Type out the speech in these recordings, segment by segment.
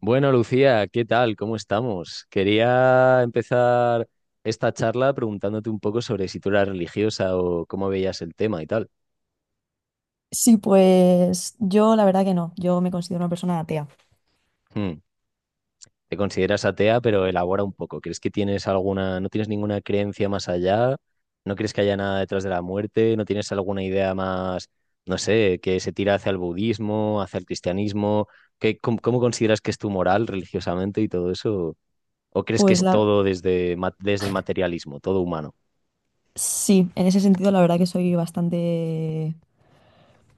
Bueno, Lucía, ¿qué tal? ¿Cómo estamos? Quería empezar esta charla preguntándote un poco sobre si tú eras religiosa o cómo veías el tema y tal. Sí, pues yo la verdad que no, yo me considero una persona atea. Hmm, Te consideras atea, pero elabora un poco. ¿Crees que tienes alguna, no tienes ninguna creencia más allá? ¿No crees que haya nada detrás de la muerte? ¿No tienes alguna idea más, no sé, que se tira hacia el budismo, hacia el cristianismo? ¿Qué, cómo, cómo consideras que es tu moral religiosamente y todo eso? ¿O crees que Pues es la todo desde, desde el materialismo, todo humano? sí, en ese sentido la verdad que soy bastante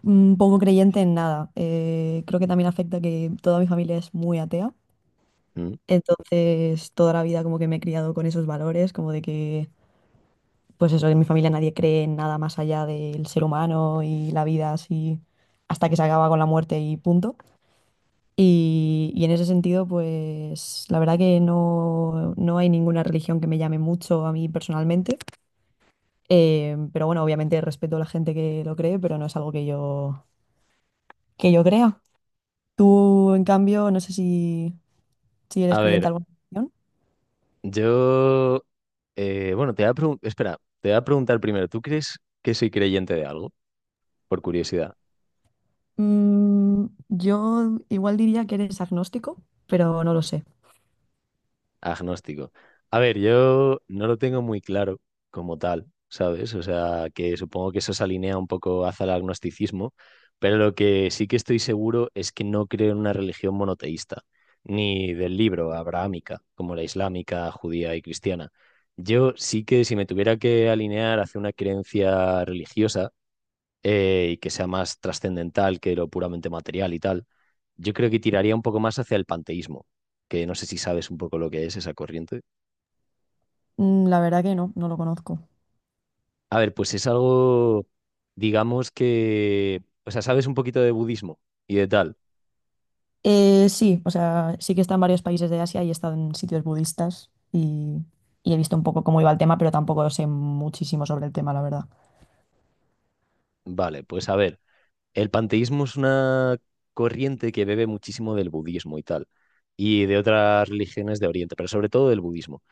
poco creyente en nada. Creo que también afecta que toda mi familia es muy atea. Hmm. Entonces, toda la vida como que me he criado con esos valores, como de que, pues eso, en mi familia nadie cree en nada más allá del ser humano y la vida así hasta que se acaba con la muerte y punto. Y en ese sentido, pues la verdad que no, no hay ninguna religión que me llame mucho a mí personalmente. Pero bueno, obviamente respeto a la gente que lo cree, pero no es algo que que yo crea. Tú, en cambio, no sé si, si eres A creyente ver, en alguna religión. yo, bueno, te voy a preguntar, espera, te voy a preguntar primero, ¿tú crees que soy creyente de algo? Por curiosidad, Yo igual diría que eres agnóstico, pero no lo sé. agnóstico. A ver, yo no lo tengo muy claro como tal, ¿sabes? O sea, que supongo que eso se alinea un poco hacia el agnosticismo, pero lo que sí que estoy seguro es que no creo en una religión monoteísta, ni del libro abrahámica, como la islámica, judía y cristiana. Yo sí que si me tuviera que alinear hacia una creencia religiosa, y que sea más trascendental que lo puramente material y tal, yo creo que tiraría un poco más hacia el panteísmo, que no sé si sabes un poco lo que es esa corriente. La verdad que no, no lo conozco. A ver, pues es algo, digamos que, o sea, sabes un poquito de budismo y de tal. Sí, o sea, sí que he estado en varios países de Asia y he estado en sitios budistas y he visto un poco cómo iba el tema, pero tampoco sé muchísimo sobre el tema, la verdad. Vale, pues a ver, el panteísmo es una corriente que bebe muchísimo del budismo y tal, y de otras religiones de Oriente, pero sobre todo del budismo.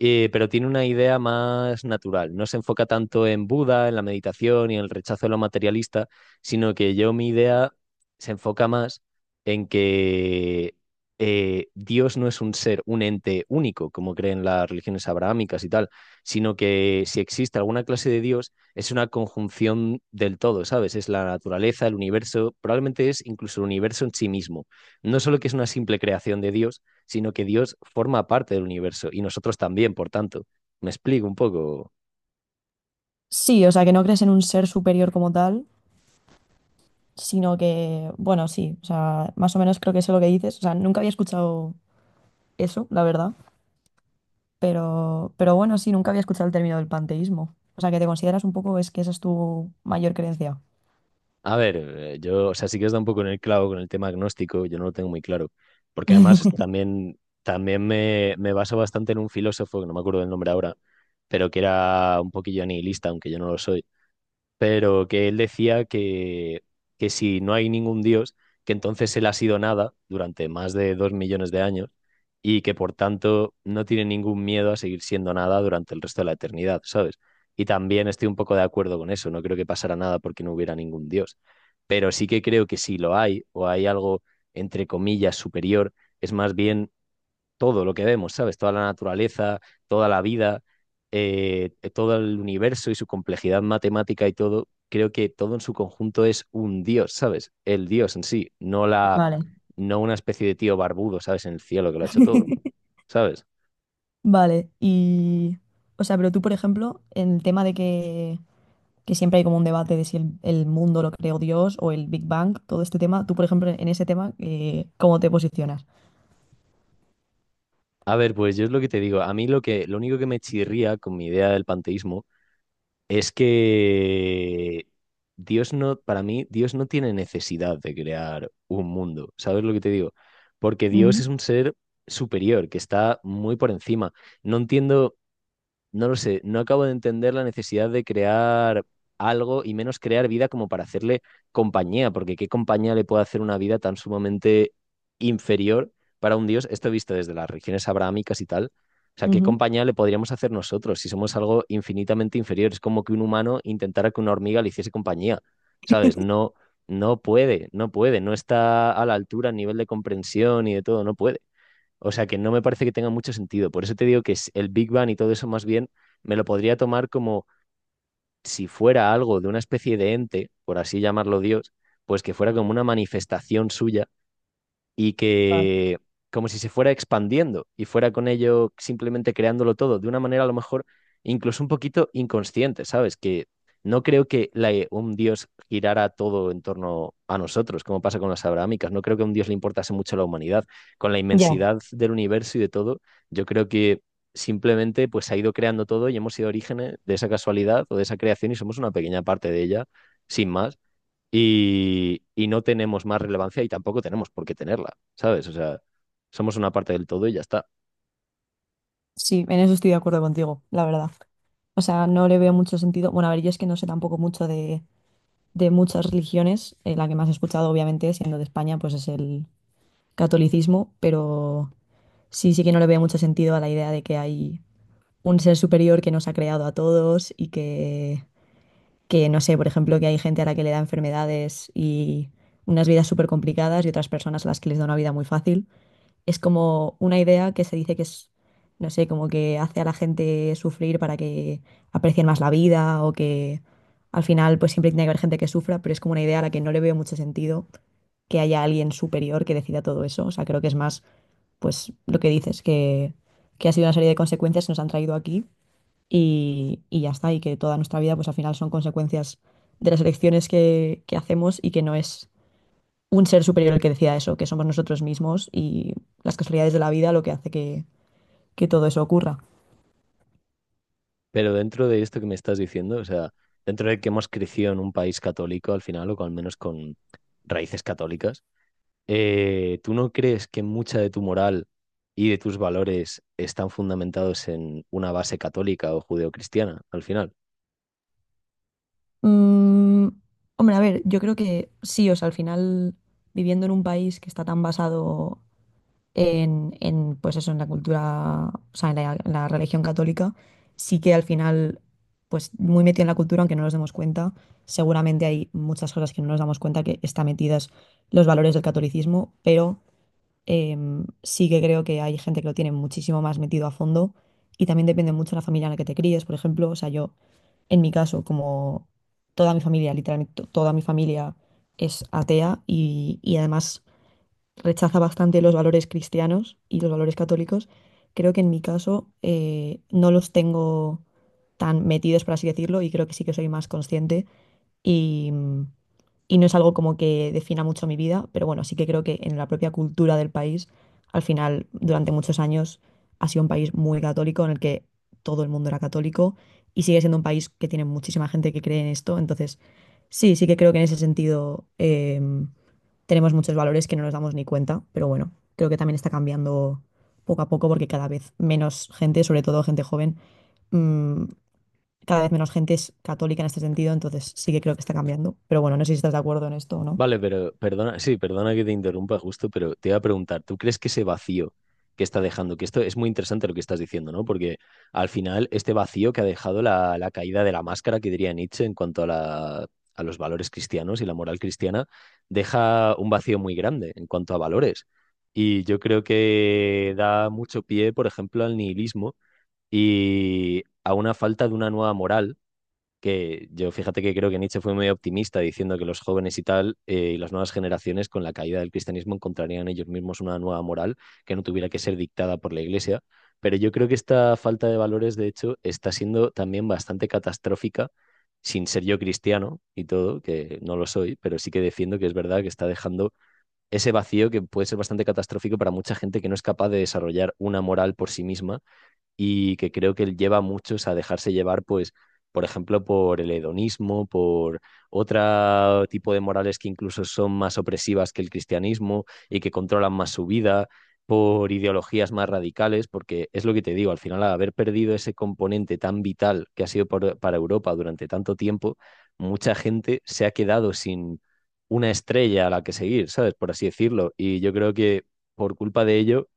Pero tiene una idea más natural. No se enfoca tanto en Buda, en la meditación y en el rechazo de lo materialista, sino que yo mi idea se enfoca más en que Dios no es un ser, un ente único, como creen las religiones abrahámicas y tal, sino que si existe alguna clase de Dios, es una conjunción del todo, ¿sabes? Es la naturaleza, el universo, probablemente es incluso el universo en sí mismo. No solo que es una simple creación de Dios, sino que Dios forma parte del universo y nosotros también, por tanto. Me explico un poco. Sí, o sea, que no crees en un ser superior como tal, sino que, bueno, sí, o sea, más o menos creo que sé lo que dices. O sea, nunca había escuchado eso, la verdad, pero bueno, sí, nunca había escuchado el término del panteísmo. O sea, que te consideras un poco, es que esa es tu mayor creencia. A ver, yo, o sea, sí que os da un poco en el clavo con el tema agnóstico, yo no lo tengo muy claro, porque además también, también me baso bastante en un filósofo, que no me acuerdo del nombre ahora, pero que era un poquillo nihilista, aunque yo no lo soy, pero que él decía que si no hay ningún dios, que entonces él ha sido nada durante más de dos millones de años y que por tanto no tiene ningún miedo a seguir siendo nada durante el resto de la eternidad, ¿sabes? Y también estoy un poco de acuerdo con eso, no creo que pasara nada porque no hubiera ningún dios, pero sí que creo que si lo hay o hay algo entre comillas superior, es más bien todo lo que vemos, ¿sabes? Toda la naturaleza, toda la vida, todo el universo y su complejidad matemática y todo, creo que todo en su conjunto es un dios, ¿sabes? El dios en sí, Vale. no una especie de tío barbudo, ¿sabes? En el cielo que lo ha hecho todo, ¿sabes? Vale, y, o sea, pero tú, por ejemplo, en el tema de que siempre hay como un debate de si el mundo lo creó Dios o el Big Bang, todo este tema. Tú, por ejemplo, en ese tema, ¿cómo te posicionas? A ver, pues yo es lo que te digo. A mí lo que, lo único que me chirría con mi idea del panteísmo es que Dios no, para mí, Dios no tiene necesidad de crear un mundo, ¿sabes lo que te digo? Porque Dios es Ujú. un ser superior, que está muy por encima. No entiendo, no lo sé, no acabo de entender la necesidad de crear algo y menos crear vida como para hacerle compañía, porque ¿qué compañía le puede hacer una vida tan sumamente inferior para un dios? Esto visto desde las religiones abrahámicas y tal. O sea, ¿qué Ujú. compañía le podríamos hacer nosotros si somos algo infinitamente inferior? Es como que un humano intentara que una hormiga le hiciese compañía, ¿sabes? No, no puede, no puede, no está a la altura a nivel de comprensión y de todo, no puede. O sea que no me parece que tenga mucho sentido. Por eso te digo que el Big Bang y todo eso más bien me lo podría tomar como si fuera algo de una especie de ente, por así llamarlo Dios, pues que fuera como una manifestación suya y Vale. que como si se fuera expandiendo y fuera con ello simplemente creándolo todo de una manera a lo mejor incluso un poquito inconsciente, ¿sabes? Que no creo que un dios girara todo en torno a nosotros, como pasa con las abrahámicas. No creo que a un dios le importase mucho la humanidad. Con la Ya. inmensidad del universo y de todo, yo creo que simplemente pues se ha ido creando todo y hemos sido orígenes de esa casualidad o de esa creación y somos una pequeña parte de ella, sin más y no tenemos más relevancia y tampoco tenemos por qué tenerla, ¿sabes? O sea, somos una parte del todo y ya está. Sí, en eso estoy de acuerdo contigo, la verdad. O sea, no le veo mucho sentido. Bueno, a ver, yo es que no sé tampoco mucho de muchas religiones. La que más he escuchado, obviamente, siendo de España, pues es el catolicismo, pero sí, sí que no le veo mucho sentido a la idea de que hay un ser superior que nos ha creado a todos y que no sé, por ejemplo, que hay gente a la que le da enfermedades y unas vidas súper complicadas y otras personas a las que les da una vida muy fácil. Es como una idea que se dice que es, no sé, como que hace a la gente sufrir para que aprecien más la vida o que al final pues siempre tiene que haber gente que sufra, pero es como una idea a la que no le veo mucho sentido que haya alguien superior que decida todo eso. O sea, creo que es más pues lo que dices, que ha sido una serie de consecuencias que nos han traído aquí y ya está, y que toda nuestra vida pues al final son consecuencias de las elecciones que hacemos y que no es un ser superior el que decida eso, que somos nosotros mismos y las casualidades de la vida lo que hace que todo eso ocurra. Pero dentro de esto que me estás diciendo, o sea, dentro de que hemos crecido en un país católico al final, o al menos con raíces católicas, ¿tú no crees que mucha de tu moral y de tus valores están fundamentados en una base católica o judeocristiana al final? Mm, hombre, a ver, yo creo que sí, o sea, al final viviendo en un país que está tan basado pues eso, en la cultura, o sea, en la religión católica, sí que al final, pues muy metido en la cultura, aunque no nos demos cuenta, seguramente hay muchas cosas que no nos damos cuenta que están metidas los valores del catolicismo, pero sí que creo que hay gente que lo tiene muchísimo más metido a fondo y también depende mucho de la familia en la que te críes, por ejemplo, o sea, yo, en mi caso, como toda mi familia, literalmente toda mi familia es atea y además rechaza bastante los valores cristianos y los valores católicos. Creo que en mi caso no los tengo tan metidos, por así decirlo, y creo que sí que soy más consciente y, y no es algo como que defina mucho mi vida, pero bueno, sí que creo que en la propia cultura del país, al final, durante muchos años, ha sido un país muy católico en el que todo el mundo era católico y sigue siendo un país que tiene muchísima gente que cree en esto, entonces sí, sí que creo que en ese sentido tenemos muchos valores que no nos damos ni cuenta, pero bueno, creo que también está cambiando poco a poco porque cada vez menos gente, sobre todo gente joven, mm, cada vez menos gente es católica en este sentido, entonces sí que creo que está cambiando. Pero bueno, no sé si estás de acuerdo en esto o no. Vale, pero perdona, sí, perdona que te interrumpa justo, pero te iba a preguntar, ¿tú crees que ese vacío que está dejando, que esto es muy interesante lo que estás diciendo, ¿no? Porque al final este vacío que ha dejado la caída de la máscara, que diría Nietzsche en cuanto a la, a los valores cristianos y la moral cristiana, deja un vacío muy grande en cuanto a valores. Y yo creo que da mucho pie, por ejemplo, al nihilismo y a una falta de una nueva moral que yo fíjate que creo que Nietzsche fue muy optimista diciendo que los jóvenes y tal y las nuevas generaciones con la caída del cristianismo encontrarían ellos mismos una nueva moral que no tuviera que ser dictada por la iglesia. Pero yo creo que esta falta de valores, de hecho, está siendo también bastante catastrófica, sin ser yo cristiano y todo, que no lo soy, pero sí que defiendo que es verdad que está dejando ese vacío que puede ser bastante catastrófico para mucha gente que no es capaz de desarrollar una moral por sí misma y que creo que lleva a muchos a dejarse llevar, pues, por ejemplo, por el hedonismo, por otro tipo de morales que incluso son más opresivas que el cristianismo y que controlan más su vida, por ideologías más radicales, porque es lo que te digo, al final, al haber perdido ese componente tan vital que ha sido para Europa durante tanto tiempo, mucha gente se ha quedado sin una estrella a la que seguir, ¿sabes? Por así decirlo. Y yo creo que por culpa de ello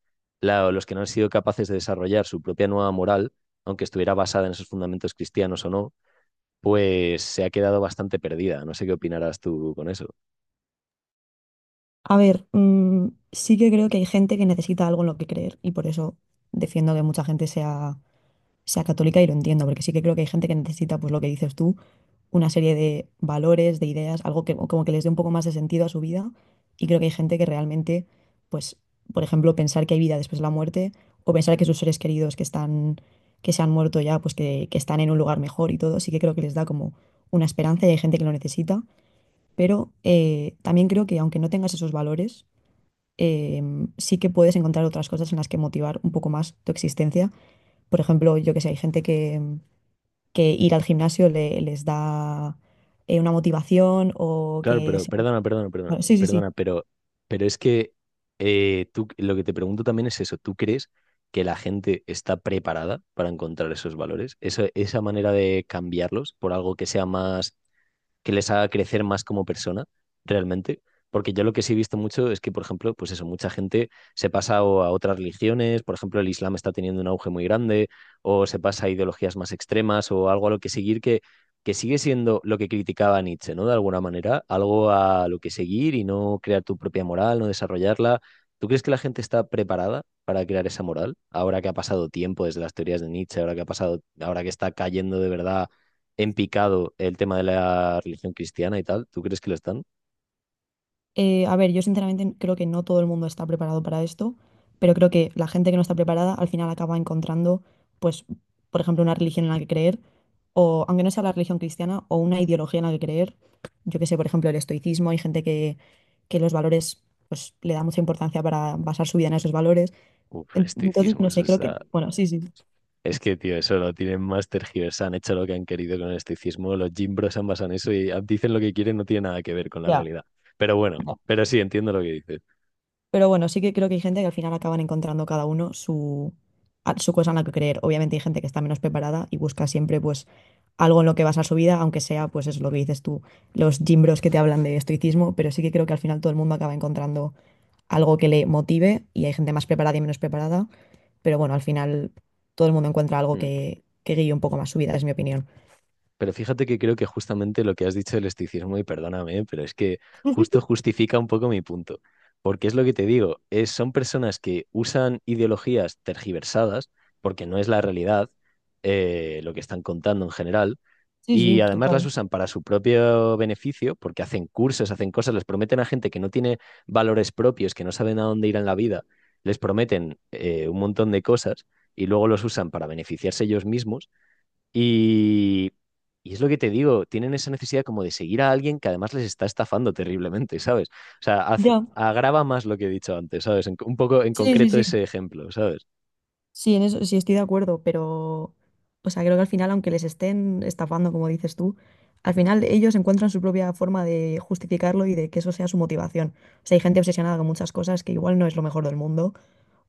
los que no han sido capaces de desarrollar su propia nueva moral, aunque estuviera basada en esos fundamentos cristianos o no, pues se ha quedado bastante perdida. No sé qué opinarás tú con eso. A ver, sí que creo que hay gente que necesita algo en lo que creer y por eso defiendo que mucha gente sea católica y lo entiendo, porque sí que creo que hay gente que necesita pues lo que dices tú una serie de valores, de ideas, algo que como que les dé un poco más de sentido a su vida. Y creo que hay gente que realmente, pues, por ejemplo, pensar que hay vida después de la muerte o pensar que sus seres queridos que se han muerto ya, pues que están en un lugar mejor y todo, sí que creo que les da como una esperanza y hay gente que lo necesita. Pero también creo que aunque no tengas esos valores, sí que puedes encontrar otras cosas en las que motivar un poco más tu existencia. Por ejemplo, yo que sé, hay gente que ir al gimnasio les da una motivación o Claro, que... pero se- perdona, perdona, perdona, Bueno, sí, sí, sí. perdona, pero, pero es que tú, lo que te pregunto también es eso, ¿tú crees que la gente está preparada para encontrar esos valores? Eso, esa manera de cambiarlos por algo que sea más, que les haga crecer más como persona, realmente. Porque yo lo que sí he visto mucho es que, por ejemplo, pues eso, mucha gente se pasa o a otras religiones, por ejemplo, el Islam está teniendo un auge muy grande, o se pasa a ideologías más extremas, o algo a lo que seguir que sigue siendo lo que criticaba Nietzsche, ¿no? De alguna manera, algo a lo que seguir y no crear tu propia moral, no desarrollarla. ¿Tú crees que la gente está preparada para crear esa moral? Ahora que ha pasado tiempo desde las teorías de Nietzsche, ahora que ha pasado, ahora que está cayendo de verdad en picado el tema de la religión cristiana y tal. ¿Tú crees que lo están? A ver, yo sinceramente creo que no todo el mundo está preparado para esto, pero creo que la gente que no está preparada al final acaba encontrando, pues, por ejemplo, una religión en la que creer, o aunque no sea la religión cristiana, o una ideología en la que creer. Yo que sé, por ejemplo, el estoicismo, hay gente que los valores, pues, le da mucha importancia para basar su vida en esos valores. Uf, el Entonces, estoicismo, no sé, eso creo que, está... bueno, sí, sí, Es que, tío, eso lo tienen más tergiversado, han hecho lo que han querido con el estoicismo, los gimbros han basado en eso y dicen lo que quieren, no tiene nada que ver con la ya. realidad. Pero bueno, pero sí, entiendo lo que dices. Pero bueno, sí que creo que hay gente que al final acaban encontrando cada uno su cosa en la que creer. Obviamente hay gente que está menos preparada y busca siempre pues algo en lo que basar su vida, aunque sea pues es lo que dices tú, los gym bros que te hablan de estoicismo, pero sí que creo que al final todo el mundo acaba encontrando algo que le motive y hay gente más preparada y menos preparada, pero bueno, al final todo el mundo encuentra algo Mm. Que guíe un poco más su vida, es mi opinión. Pero fíjate que creo que justamente lo que has dicho del esticismo, y perdóname, pero es que justo justifica un poco mi punto. Porque es lo que te digo, es, son personas que usan ideologías tergiversadas, porque no es la realidad, lo que están contando en general, Sí, sí, y además las total. usan para su propio beneficio, porque hacen cursos, hacen cosas, les prometen a gente que no tiene valores propios, que no saben a dónde ir en la vida, les prometen un montón de cosas y luego los usan para beneficiarse ellos mismos y, y es lo que te digo, tienen esa necesidad como de seguir a alguien que además les está estafando terriblemente, ¿sabes? O sea, Ya. agrava más lo que he dicho antes, ¿sabes? Un poco en Sí, sí, concreto sí. ese ejemplo, ¿sabes? Sí, en eso sí estoy de acuerdo, pero, o sea, creo que al final, aunque les estén estafando, como dices tú, al final ellos encuentran su propia forma de justificarlo y de que eso sea su motivación. O sea, hay gente obsesionada con muchas cosas que igual no es lo mejor del mundo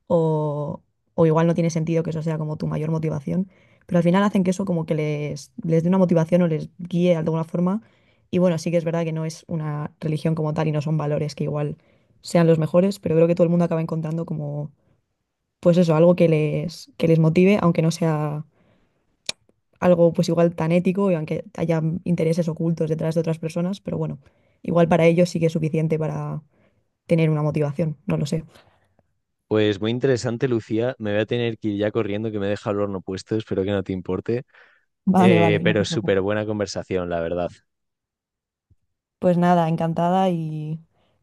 o, o igual no tiene sentido que eso sea como tu mayor motivación, pero al final hacen que eso como que les dé una motivación o les guíe de alguna forma. Y bueno, sí que es verdad que no es una religión como tal y no son valores que igual sean los mejores, pero creo que todo el mundo acaba encontrando como pues eso, algo que que les motive, aunque no sea algo pues igual tan ético y aunque haya intereses ocultos detrás de otras personas, pero bueno, igual para ellos sí que es suficiente para tener una motivación, no lo sé. Pues muy interesante, Lucía. Me voy a tener que ir ya corriendo, que me deja el horno puesto, espero que no te importe. Vale, vale, no Pero te súper preocupes. buena conversación, la verdad. Pues nada, encantada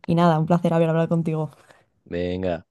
y nada, un placer haber hablado contigo. Venga.